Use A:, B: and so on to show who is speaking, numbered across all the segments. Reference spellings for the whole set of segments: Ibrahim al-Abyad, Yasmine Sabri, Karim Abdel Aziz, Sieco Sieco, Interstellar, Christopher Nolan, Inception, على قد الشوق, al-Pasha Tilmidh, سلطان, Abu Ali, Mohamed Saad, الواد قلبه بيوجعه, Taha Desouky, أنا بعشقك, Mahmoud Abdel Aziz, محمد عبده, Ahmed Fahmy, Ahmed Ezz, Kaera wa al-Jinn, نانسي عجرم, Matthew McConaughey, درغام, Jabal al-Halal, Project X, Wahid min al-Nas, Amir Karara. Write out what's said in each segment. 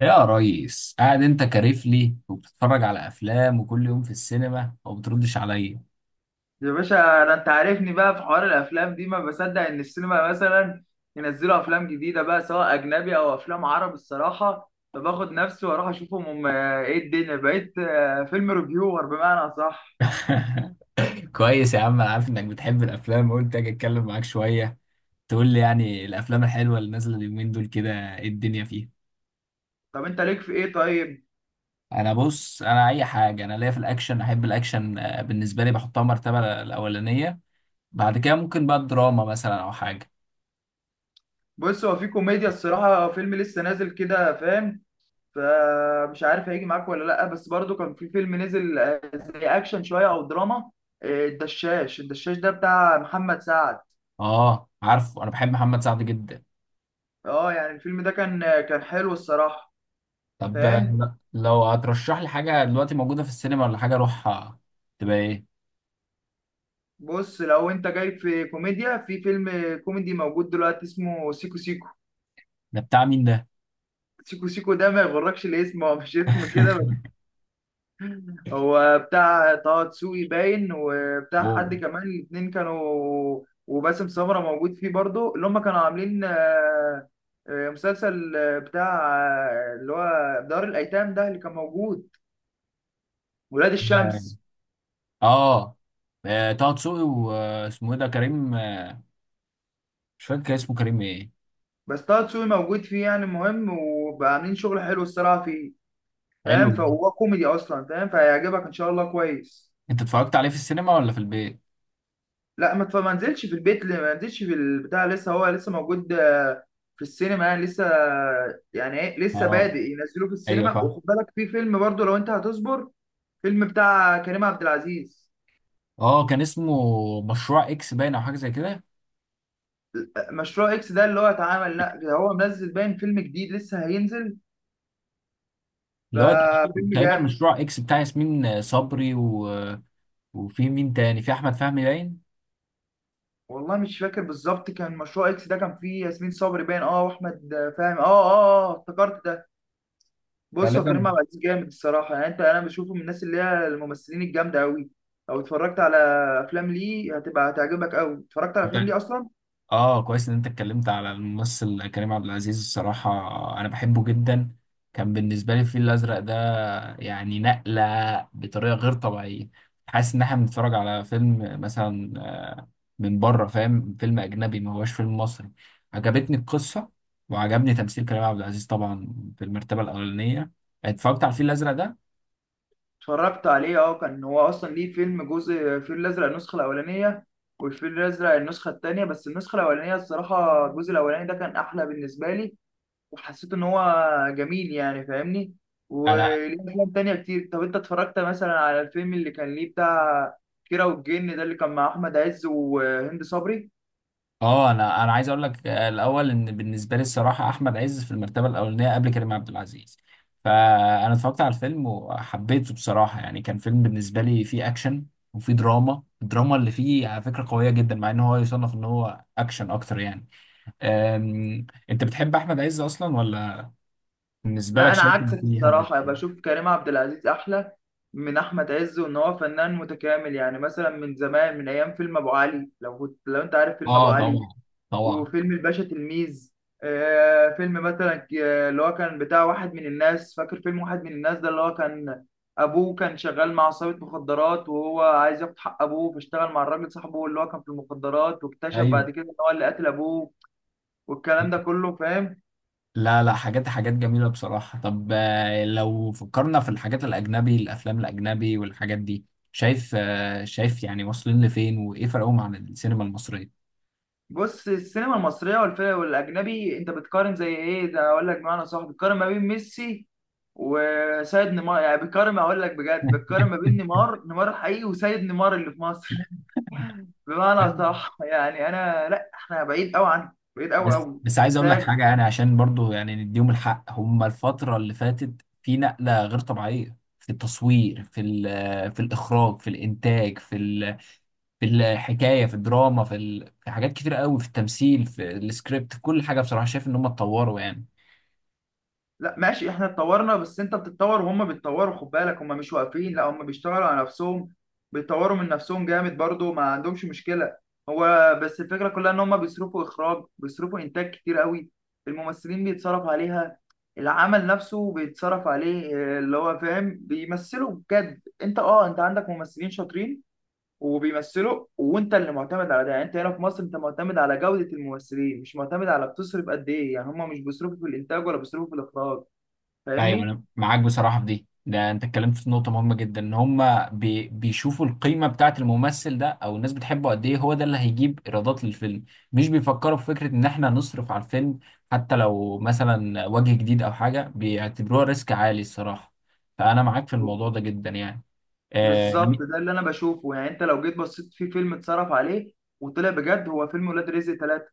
A: يا ريس قاعد انت كارفلي وبتتفرج على افلام وكل يوم في السينما وما بتردش عليا.
B: يا باشا انا انت عارفني بقى في حوار الافلام دي، ما بصدق ان السينما مثلا ينزلوا افلام جديده بقى، سواء اجنبي او افلام عربي الصراحه، فباخد نفسي واروح اشوفهم. هم ايه الدنيا بقيت؟ فيلم ريفيور بمعنى صح.
A: كويس يا عم، انا عارف انك بتحب الافلام، قلت اجي اتكلم معاك شويه. تقول لي يعني الافلام الحلوه اللي نازله اليومين دول كده، ايه الدنيا فيها؟
B: طب انت ليك في ايه طيب؟
A: انا بص، انا اي حاجه، انا ليا في الاكشن، احب الاكشن. بالنسبه لي بحطها مرتبه الاولانيه. بعد كده ممكن بقى الدراما مثلا او حاجه.
B: بص، هو في كوميديا الصراحه، فيلم لسه نازل كده فاهم، فمش عارف هيجي معاك ولا لا، بس برضو كان في فيلم نزل زي اكشن شويه او دراما. الدشاش ده بتاع محمد سعد.
A: اه عارفه، انا بحب محمد سعد جدا.
B: اه يعني الفيلم ده كان كان حلو الصراحه.
A: طب
B: فاهم؟
A: لو هترشح لي حاجة دلوقتي موجودة في السينما ولا حاجة أروحها، تبقى إيه؟
B: بص، لو انت جاي في كوميديا، في فيلم كوميدي موجود دلوقتي اسمه سيكو سيكو.
A: ده بتاع مين ده؟
B: سيكو سيكو ده، ما يغركش الاسم، هو مش اسم كده بس. هو بتاع طه دسوقي باين، وبتاع
A: هو
B: حد كمان، الاتنين كانوا، وباسم سمرة موجود فيه برضو، اللي هم كانوا عاملين مسلسل بتاع اللي هو دار الأيتام ده اللي كان موجود، ولاد الشمس.
A: آه. طه دسوقي، واسمه إيه ده، كريم مش فاكر، كان اسمه كريم إيه؟
B: بس طه دسوقي موجود فيه يعني مهم، وبقى عاملين شغل حلو الصراحة فيه،
A: حلو
B: فاهم؟
A: ده.
B: فهو كوميدي اصلا فاهم، فهيعجبك ان شاء الله كويس.
A: أنت اتفرجت عليه في السينما ولا في البيت؟
B: لا ما نزلش في البيت، ما نزلش في البتاع، لسه هو لسه موجود في السينما يعني لسه، يعني ايه، لسه
A: آه،
B: بادئ ينزلوه في
A: أيوه
B: السينما.
A: فاهم.
B: وخد بالك في فيلم برضو لو انت هتصبر، فيلم بتاع كريم عبد العزيز،
A: آه كان اسمه مشروع إكس باين، أو حاجة زي كده.
B: مشروع اكس ده اللي هو اتعمل، لا ده هو منزل باين، فيلم جديد لسه هينزل،
A: اللي هو تقريبا
B: ففيلم جامد.
A: مشروع إكس بتاع ياسمين صبري و... وفي مين تاني؟ في أحمد فهمي باين؟
B: والله مش فاكر بالظبط، كان مشروع اكس ده كان فيه ياسمين صبري باين اه، واحمد فاهم اه. اه افتكرت ده. بص، هو كريم
A: غالبا.
B: عبد العزيز جامد الصراحه، يعني انت، بشوفه من الناس اللي هي الممثلين الجامده قوي. لو اتفرجت على افلام ليه هتبقى هتعجبك قوي، اتفرجت على افلام ليه اصلا.
A: اه كويس ان انت اتكلمت على الممثل كريم عبد العزيز. الصراحة انا بحبه جدا، كان بالنسبة لي الفيل الازرق ده يعني نقلة بطريقة غير طبيعية. حاسس ان احنا بنتفرج على فيلم مثلا من بره، فاهم؟ فيلم اجنبي، ما هوش فيلم مصري. عجبتني القصة وعجبني تمثيل كريم عبد العزيز طبعا في المرتبة الاولانية، اتفرجت على الفيل الازرق ده.
B: اتفرجت عليه اه، كان هو اصلا ليه فيلم جزء، الفيل الازرق النسخه الاولانيه والفيل الازرق النسخه الثانيه، بس النسخه الاولانيه الصراحه، الجزء الاولاني ده كان احلى بالنسبه لي. وحسيت ان هو جميل يعني فاهمني،
A: انا
B: وليه افلام تانية كتير. طب انت اتفرجت مثلا على الفيلم اللي كان ليه بتاع كيرة والجن ده اللي كان مع احمد عز وهند صبري؟
A: اه انا انا عايز اقول لك الاول، ان بالنسبه لي الصراحه احمد عز في المرتبه الاولانيه قبل كريم عبد العزيز. فانا اتفرجت على الفيلم وحبيته بصراحه، يعني كان فيلم بالنسبه لي فيه اكشن وفيه دراما. الدراما اللي فيه على فكره قويه جدا، مع ان هو يصنف ان هو اكشن اكتر يعني. انت بتحب احمد عز اصلا ولا بالنسبه
B: لا
A: لك
B: انا
A: شايف ان
B: عكسك
A: في حد؟
B: الصراحه، بشوف كريم عبد العزيز احلى من احمد عز، وان هو فنان متكامل يعني، مثلا من زمان، من ايام فيلم ابو علي، لو كنت لو انت عارف فيلم ابو
A: اه
B: علي،
A: طبعا، طبعا.
B: وفيلم الباشا تلميذ، آه فيلم مثلا اللي هو كان بتاع واحد من الناس، فاكر فيلم واحد من الناس ده؟ اللي هو كان ابوه كان شغال مع عصابه مخدرات، وهو عايز ياخد حق ابوه، فاشتغل مع الراجل صاحبه اللي هو كان في المخدرات، واكتشف
A: ايوه.
B: بعد كده ان هو اللي قتل ابوه، والكلام ده كله فاهم.
A: لا لا، حاجات حاجات جميلة بصراحة. طب لو فكرنا في الحاجات الأجنبي، الأفلام الأجنبي والحاجات دي، شايف شايف يعني واصلين لفين، وإيه فرقهم عن السينما المصرية؟
B: بص، السينما المصريه والفيلم والاجنبي، انت بتقارن زي ايه ده، اقول لك بمعنى صح، بتقارن ما بين ميسي وسيد نيمار، يعني بتقارن، اقول لك بجد، بتقارن ما بين نيمار، نيمار حقيقي، وسيد نيمار اللي في مصر. بمعنى صح يعني انا، لا احنا بعيد قوي عنه، بعيد قوي
A: بس
B: قوي
A: بس عايز أقول لك
B: انتاج.
A: حاجة، يعني عشان برضو يعني نديهم الحق، هم الفترة اللي فاتت في نقلة غير طبيعية في التصوير، في الإخراج، في الإنتاج، في الحكاية، في الدراما، في حاجات كتير قوي، في التمثيل، في السكريبت، في كل حاجة. بصراحة شايف إن هم اتطوروا يعني.
B: لا ماشي، احنا اتطورنا، بس انت بتتطور وهم بيتطوروا، خد بالك هم مش واقفين، لا هم بيشتغلوا على نفسهم، بيتطوروا من نفسهم جامد برضو، ما عندهمش مشكلة. هو بس الفكرة كلها ان هم بيصرفوا اخراج، بيصرفوا انتاج كتير قوي، الممثلين بيتصرف عليها، العمل نفسه بيتصرف عليه، اه، اللي هو فاهم، بيمثلوا بجد. انت اه، انت عندك ممثلين شاطرين وبيمثلوا، وانت اللي معتمد على ده، يعني انت هنا في مصر انت معتمد على جودة الممثلين، مش معتمد على بتصرف قد ايه، يعني هم مش بيصرفوا في الانتاج ولا بيصرفوا في الاخراج،
A: ايوه
B: فاهمني.
A: انا معاك بصراحه في دي، ده انت اتكلمت في نقطه مهمه جدا، ان هم بيشوفوا القيمه بتاعه الممثل ده، او الناس بتحبه قد ايه، هو ده اللي هيجيب ايرادات للفيلم. مش بيفكروا في فكره ان احنا نصرف على الفيلم، حتى لو مثلا وجه جديد او حاجه بيعتبروها ريسك عالي الصراحه. فانا معاك في الموضوع ده جدا يعني. اه, مي-
B: بالظبط ده اللي انا بشوفه، يعني انت لو جيت بصيت في فيلم اتصرف عليه وطلع بجد، هو فيلم ولاد رزق ثلاثة.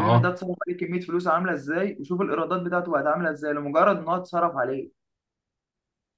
B: الفيلم ده اتصرف عليه كمية فلوس عاملة ازاي، وشوف الايرادات بتاعته بقت عاملة ازاي، لمجرد ان هو اتصرف عليه.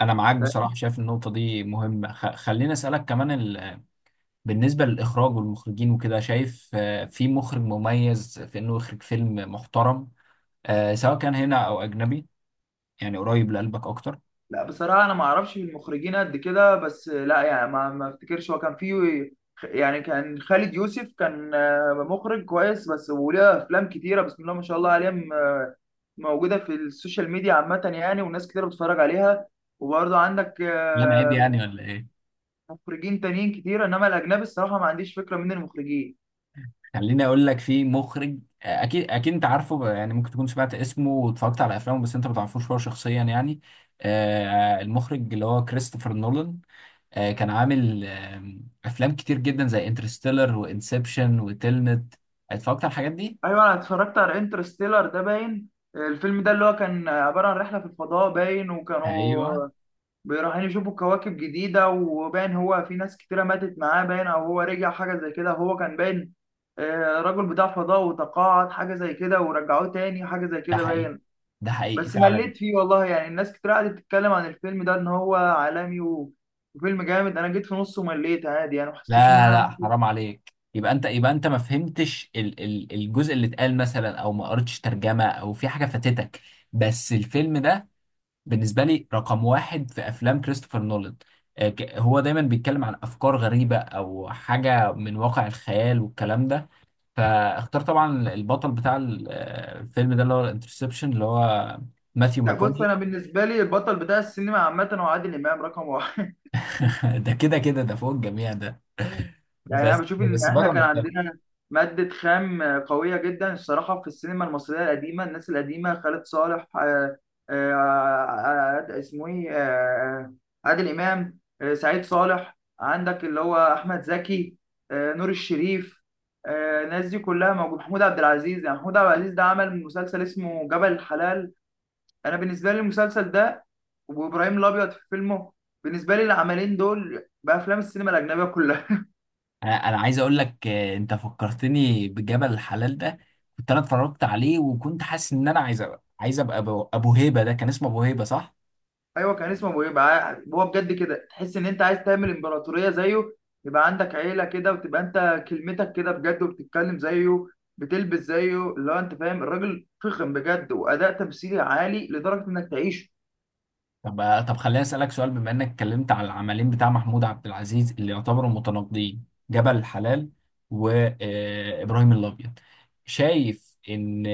A: انا معاك
B: ف-
A: بصراحه، شايف النقطه دي مهمه. خليني اسالك كمان. بالنسبة للإخراج والمخرجين وكده، شايف في مخرج مميز في إنه يخرج فيلم محترم، سواء كان هنا أو أجنبي، يعني قريب لقلبك أكتر؟
B: لا بصراحة، انا ما اعرفش في المخرجين قد كده، بس لا يعني ما افتكرش هو كان فيه، يعني كان خالد يوسف كان مخرج كويس بس، وليه افلام كتيرة بسم الله ما شاء الله عليه، موجودة في السوشيال ميديا عامة يعني، وناس كتير بتتفرج عليها، وبرضه عندك
A: لا عيب يعني ولا إيه؟
B: مخرجين تانيين كتير، انما الاجنبي الصراحه ما عنديش فكره مين المخرجين.
A: خليني أقول لك، في مخرج أكيد أكيد أنت عارفه بقى، يعني ممكن تكون سمعت اسمه واتفرجت على أفلامه، بس أنت ما تعرفوش هو شخصيا يعني. المخرج اللي هو كريستوفر نولان، كان عامل أفلام كتير جدا زي انترستيلر وإنسبشن وتلنت. اتفرجت على الحاجات دي؟
B: ايوه، انا اتفرجت على انترستيلر ده باين. الفيلم ده اللي هو كان عباره عن رحله في الفضاء باين،
A: أيوه.
B: وكانوا رايحين يشوفوا كواكب جديده، وباين هو في ناس كتيره ماتت معاه باين، او هو رجع حاجه زي كده، هو كان باين راجل بتاع فضاء وتقاعد حاجه زي كده، ورجعوه تاني حاجه زي
A: ده
B: كده
A: حقيقي،
B: باين.
A: ده حقيقي
B: بس
A: فعلا.
B: مليت فيه والله، يعني الناس كتير قعدت تتكلم عن الفيلم ده ان هو عالمي وفيلم جامد، انا جيت في نصه ومليت عادي يعني، ما حسيتش ان
A: لا
B: انا.
A: لا حرام عليك، يبقى انت يبقى انت ما فهمتش ال الجزء اللي اتقال مثلا، او ما قريتش ترجمه، او في حاجه فاتتك. بس الفيلم ده بالنسبه لي رقم واحد في افلام كريستوفر نولان. هو دايما بيتكلم عن افكار غريبه او حاجه من واقع الخيال والكلام ده. فاختار طبعا البطل بتاع الفيلم ده، اللي هو الانترسبشن، اللي هو ماثيو
B: لا بص،
A: ماكوني.
B: انا بالنسبه لي البطل بتاع السينما عامه هو عادل امام رقم واحد.
A: ده كده كده، ده فوق الجميع ده.
B: يعني انا
A: بس
B: بشوف ان
A: بس
B: احنا
A: بره
B: كان
A: مختلف.
B: عندنا ماده خام قويه جدا الصراحه، في السينما المصريه القديمه، الناس القديمه، خالد صالح، آه، اسمه ايه، عادل امام، سعيد صالح، عندك اللي هو احمد زكي، نور الشريف، الناس دي كلها موجود، محمود عبد العزيز. يعني محمود عبد العزيز ده عمل مسلسل اسمه جبل الحلال، انا بالنسبه لي المسلسل ده وابراهيم الابيض في فيلمه، بالنسبه لي العملين دول بافلام السينما الاجنبيه كلها.
A: أنا عايز اقول لك انت فكرتني بجبل الحلال ده. كنت انا اتفرجت عليه وكنت حاسس ان انا عايز أبقى، عايز ابقى ابو، أبو هيبه، ده كان اسمه ابو هيبه صح؟
B: ايوه كان اسمه ابو، يبقى هو بجد كده تحس ان انت عايز تعمل امبراطوريه زيه، يبقى عندك عيله كده، وتبقى انت كلمتك كده بجد، وبتتكلم زيه، بتلبس زيه، اللي هو انت فاهم، الراجل فخم بجد، واداء تمثيلي عالي لدرجه انك تعيشه.
A: طب طب خليني اسالك سؤال، بما انك اتكلمت على العملين بتاع محمود عبد العزيز اللي يعتبروا متناقضين، جبل الحلال وابراهيم الابيض. شايف ان،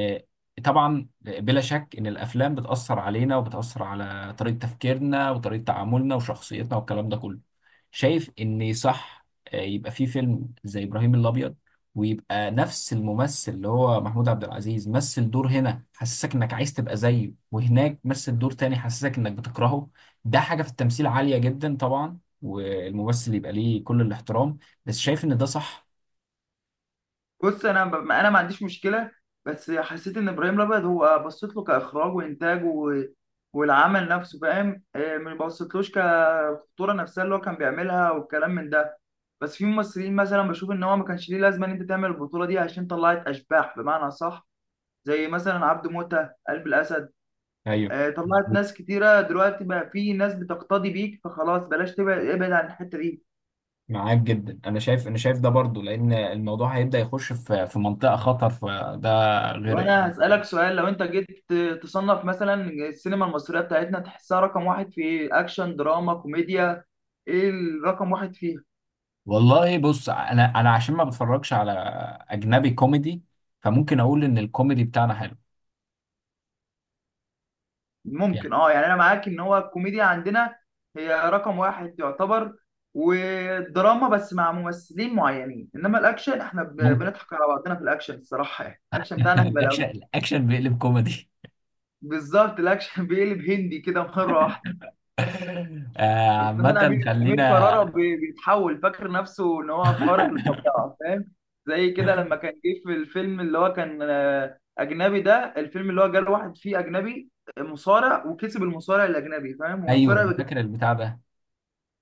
A: طبعا بلا شك ان الافلام بتاثر علينا وبتاثر على طريقه تفكيرنا وطريقه تعاملنا وشخصيتنا والكلام ده كله، شايف ان صح يبقى في فيلم زي ابراهيم الابيض، ويبقى نفس الممثل اللي هو محمود عبد العزيز مثل دور هنا حسسك انك عايز تبقى زيه، وهناك مثل دور تاني حسسك انك بتكرهه؟ ده حاجة في التمثيل عالية جدا طبعا، والممثل يبقى ليه كل الاحترام. بس شايف ان ده صح؟
B: بص انا انا ما عنديش مشكله، بس حسيت ان ابراهيم الابيض هو بصيت له كاخراج وانتاج والعمل نفسه فاهم، ما بصيتلوش كالخطوره نفسها اللي هو كان بيعملها والكلام من ده، بس في ممثلين مثلا بشوف ان هو ما كانش ليه لازمه ان انت تعمل البطوله دي، عشان طلعت اشباح بمعنى صح، زي مثلا عبد موته، قلب الاسد،
A: ايوه
B: طلعت
A: مظبوط،
B: ناس كتيره دلوقتي، بقى في ناس بتقتدي بيك، فخلاص بلاش، تبعد، ابعد عن الحته دي.
A: معاك جدا. انا شايف، انا شايف ده برضو لان الموضوع هيبدأ يخش في منطقة خطر، فده غير
B: وانا
A: يعني.
B: هسألك سؤال، لو انت جيت تصنف مثلا السينما المصرية بتاعتنا، تحسها رقم واحد في ايه؟ اكشن، دراما، كوميديا؟ ايه الرقم واحد فيها؟
A: والله بص، انا انا عشان ما بتفرجش على اجنبي كوميدي، فممكن اقول ان الكوميدي بتاعنا حلو يعني.
B: ممكن اه، يعني انا معاك ان هو الكوميديا عندنا هي رقم واحد يعتبر، والدراما بس مع ممثلين معينين، انما الاكشن احنا
A: ممكن.
B: بنضحك على بعضنا في الاكشن الصراحة، يعني الاكشن بتاعنا هبل أوي.
A: الاكشن، الاكشن بيقلب كوميدي.
B: بالظبط الاكشن بيقلب هندي كده مرة واحدة. الفنان امير،
A: عامة خلينا.
B: كرارة بيتحول فاكر نفسه ان هو خارق للطبيعه فاهم، زي كده لما كان جه في الفيلم اللي هو كان اجنبي ده، الفيلم اللي هو جاله واحد فيه اجنبي مصارع، وكسب المصارع الاجنبي فاهم،
A: ايوه
B: ومصارع
A: انا
B: بجد،
A: فاكر البتاع ده،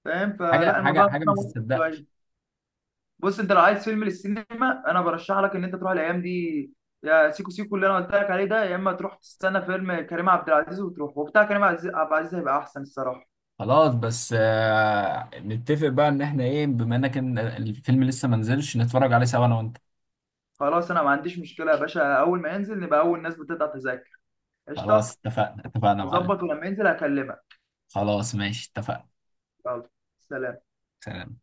B: فاهم،
A: حاجه
B: فلا
A: حاجه
B: الموضوع ده
A: حاجه ما
B: ممتع شويه.
A: تتصدقش.
B: بص، انت لو عايز فيلم للسينما، انا برشح لك ان انت تروح الايام دي، يا سيكو سيكو اللي انا قلت لك عليه ده، يا اما تروح تستنى فيلم كريم عبد العزيز وتروح، وبتاع كريم عبد العزيز هيبقى احسن الصراحه.
A: خلاص، بس آه نتفق بقى ان احنا ايه، بما انك إن الفيلم لسه ما نزلش، نتفرج عليه سوا انا وانت.
B: خلاص انا ما عنديش مشكله يا باشا، اول ما ينزل نبقى اول ناس بتقطع تذاكر،
A: خلاص
B: قشطه،
A: اتفقنا، اتفقنا يا معلم.
B: اظبط، ولما ينزل هكلمك.
A: خلاص ماشي اتفقنا.
B: يلا، سلام.
A: سلام.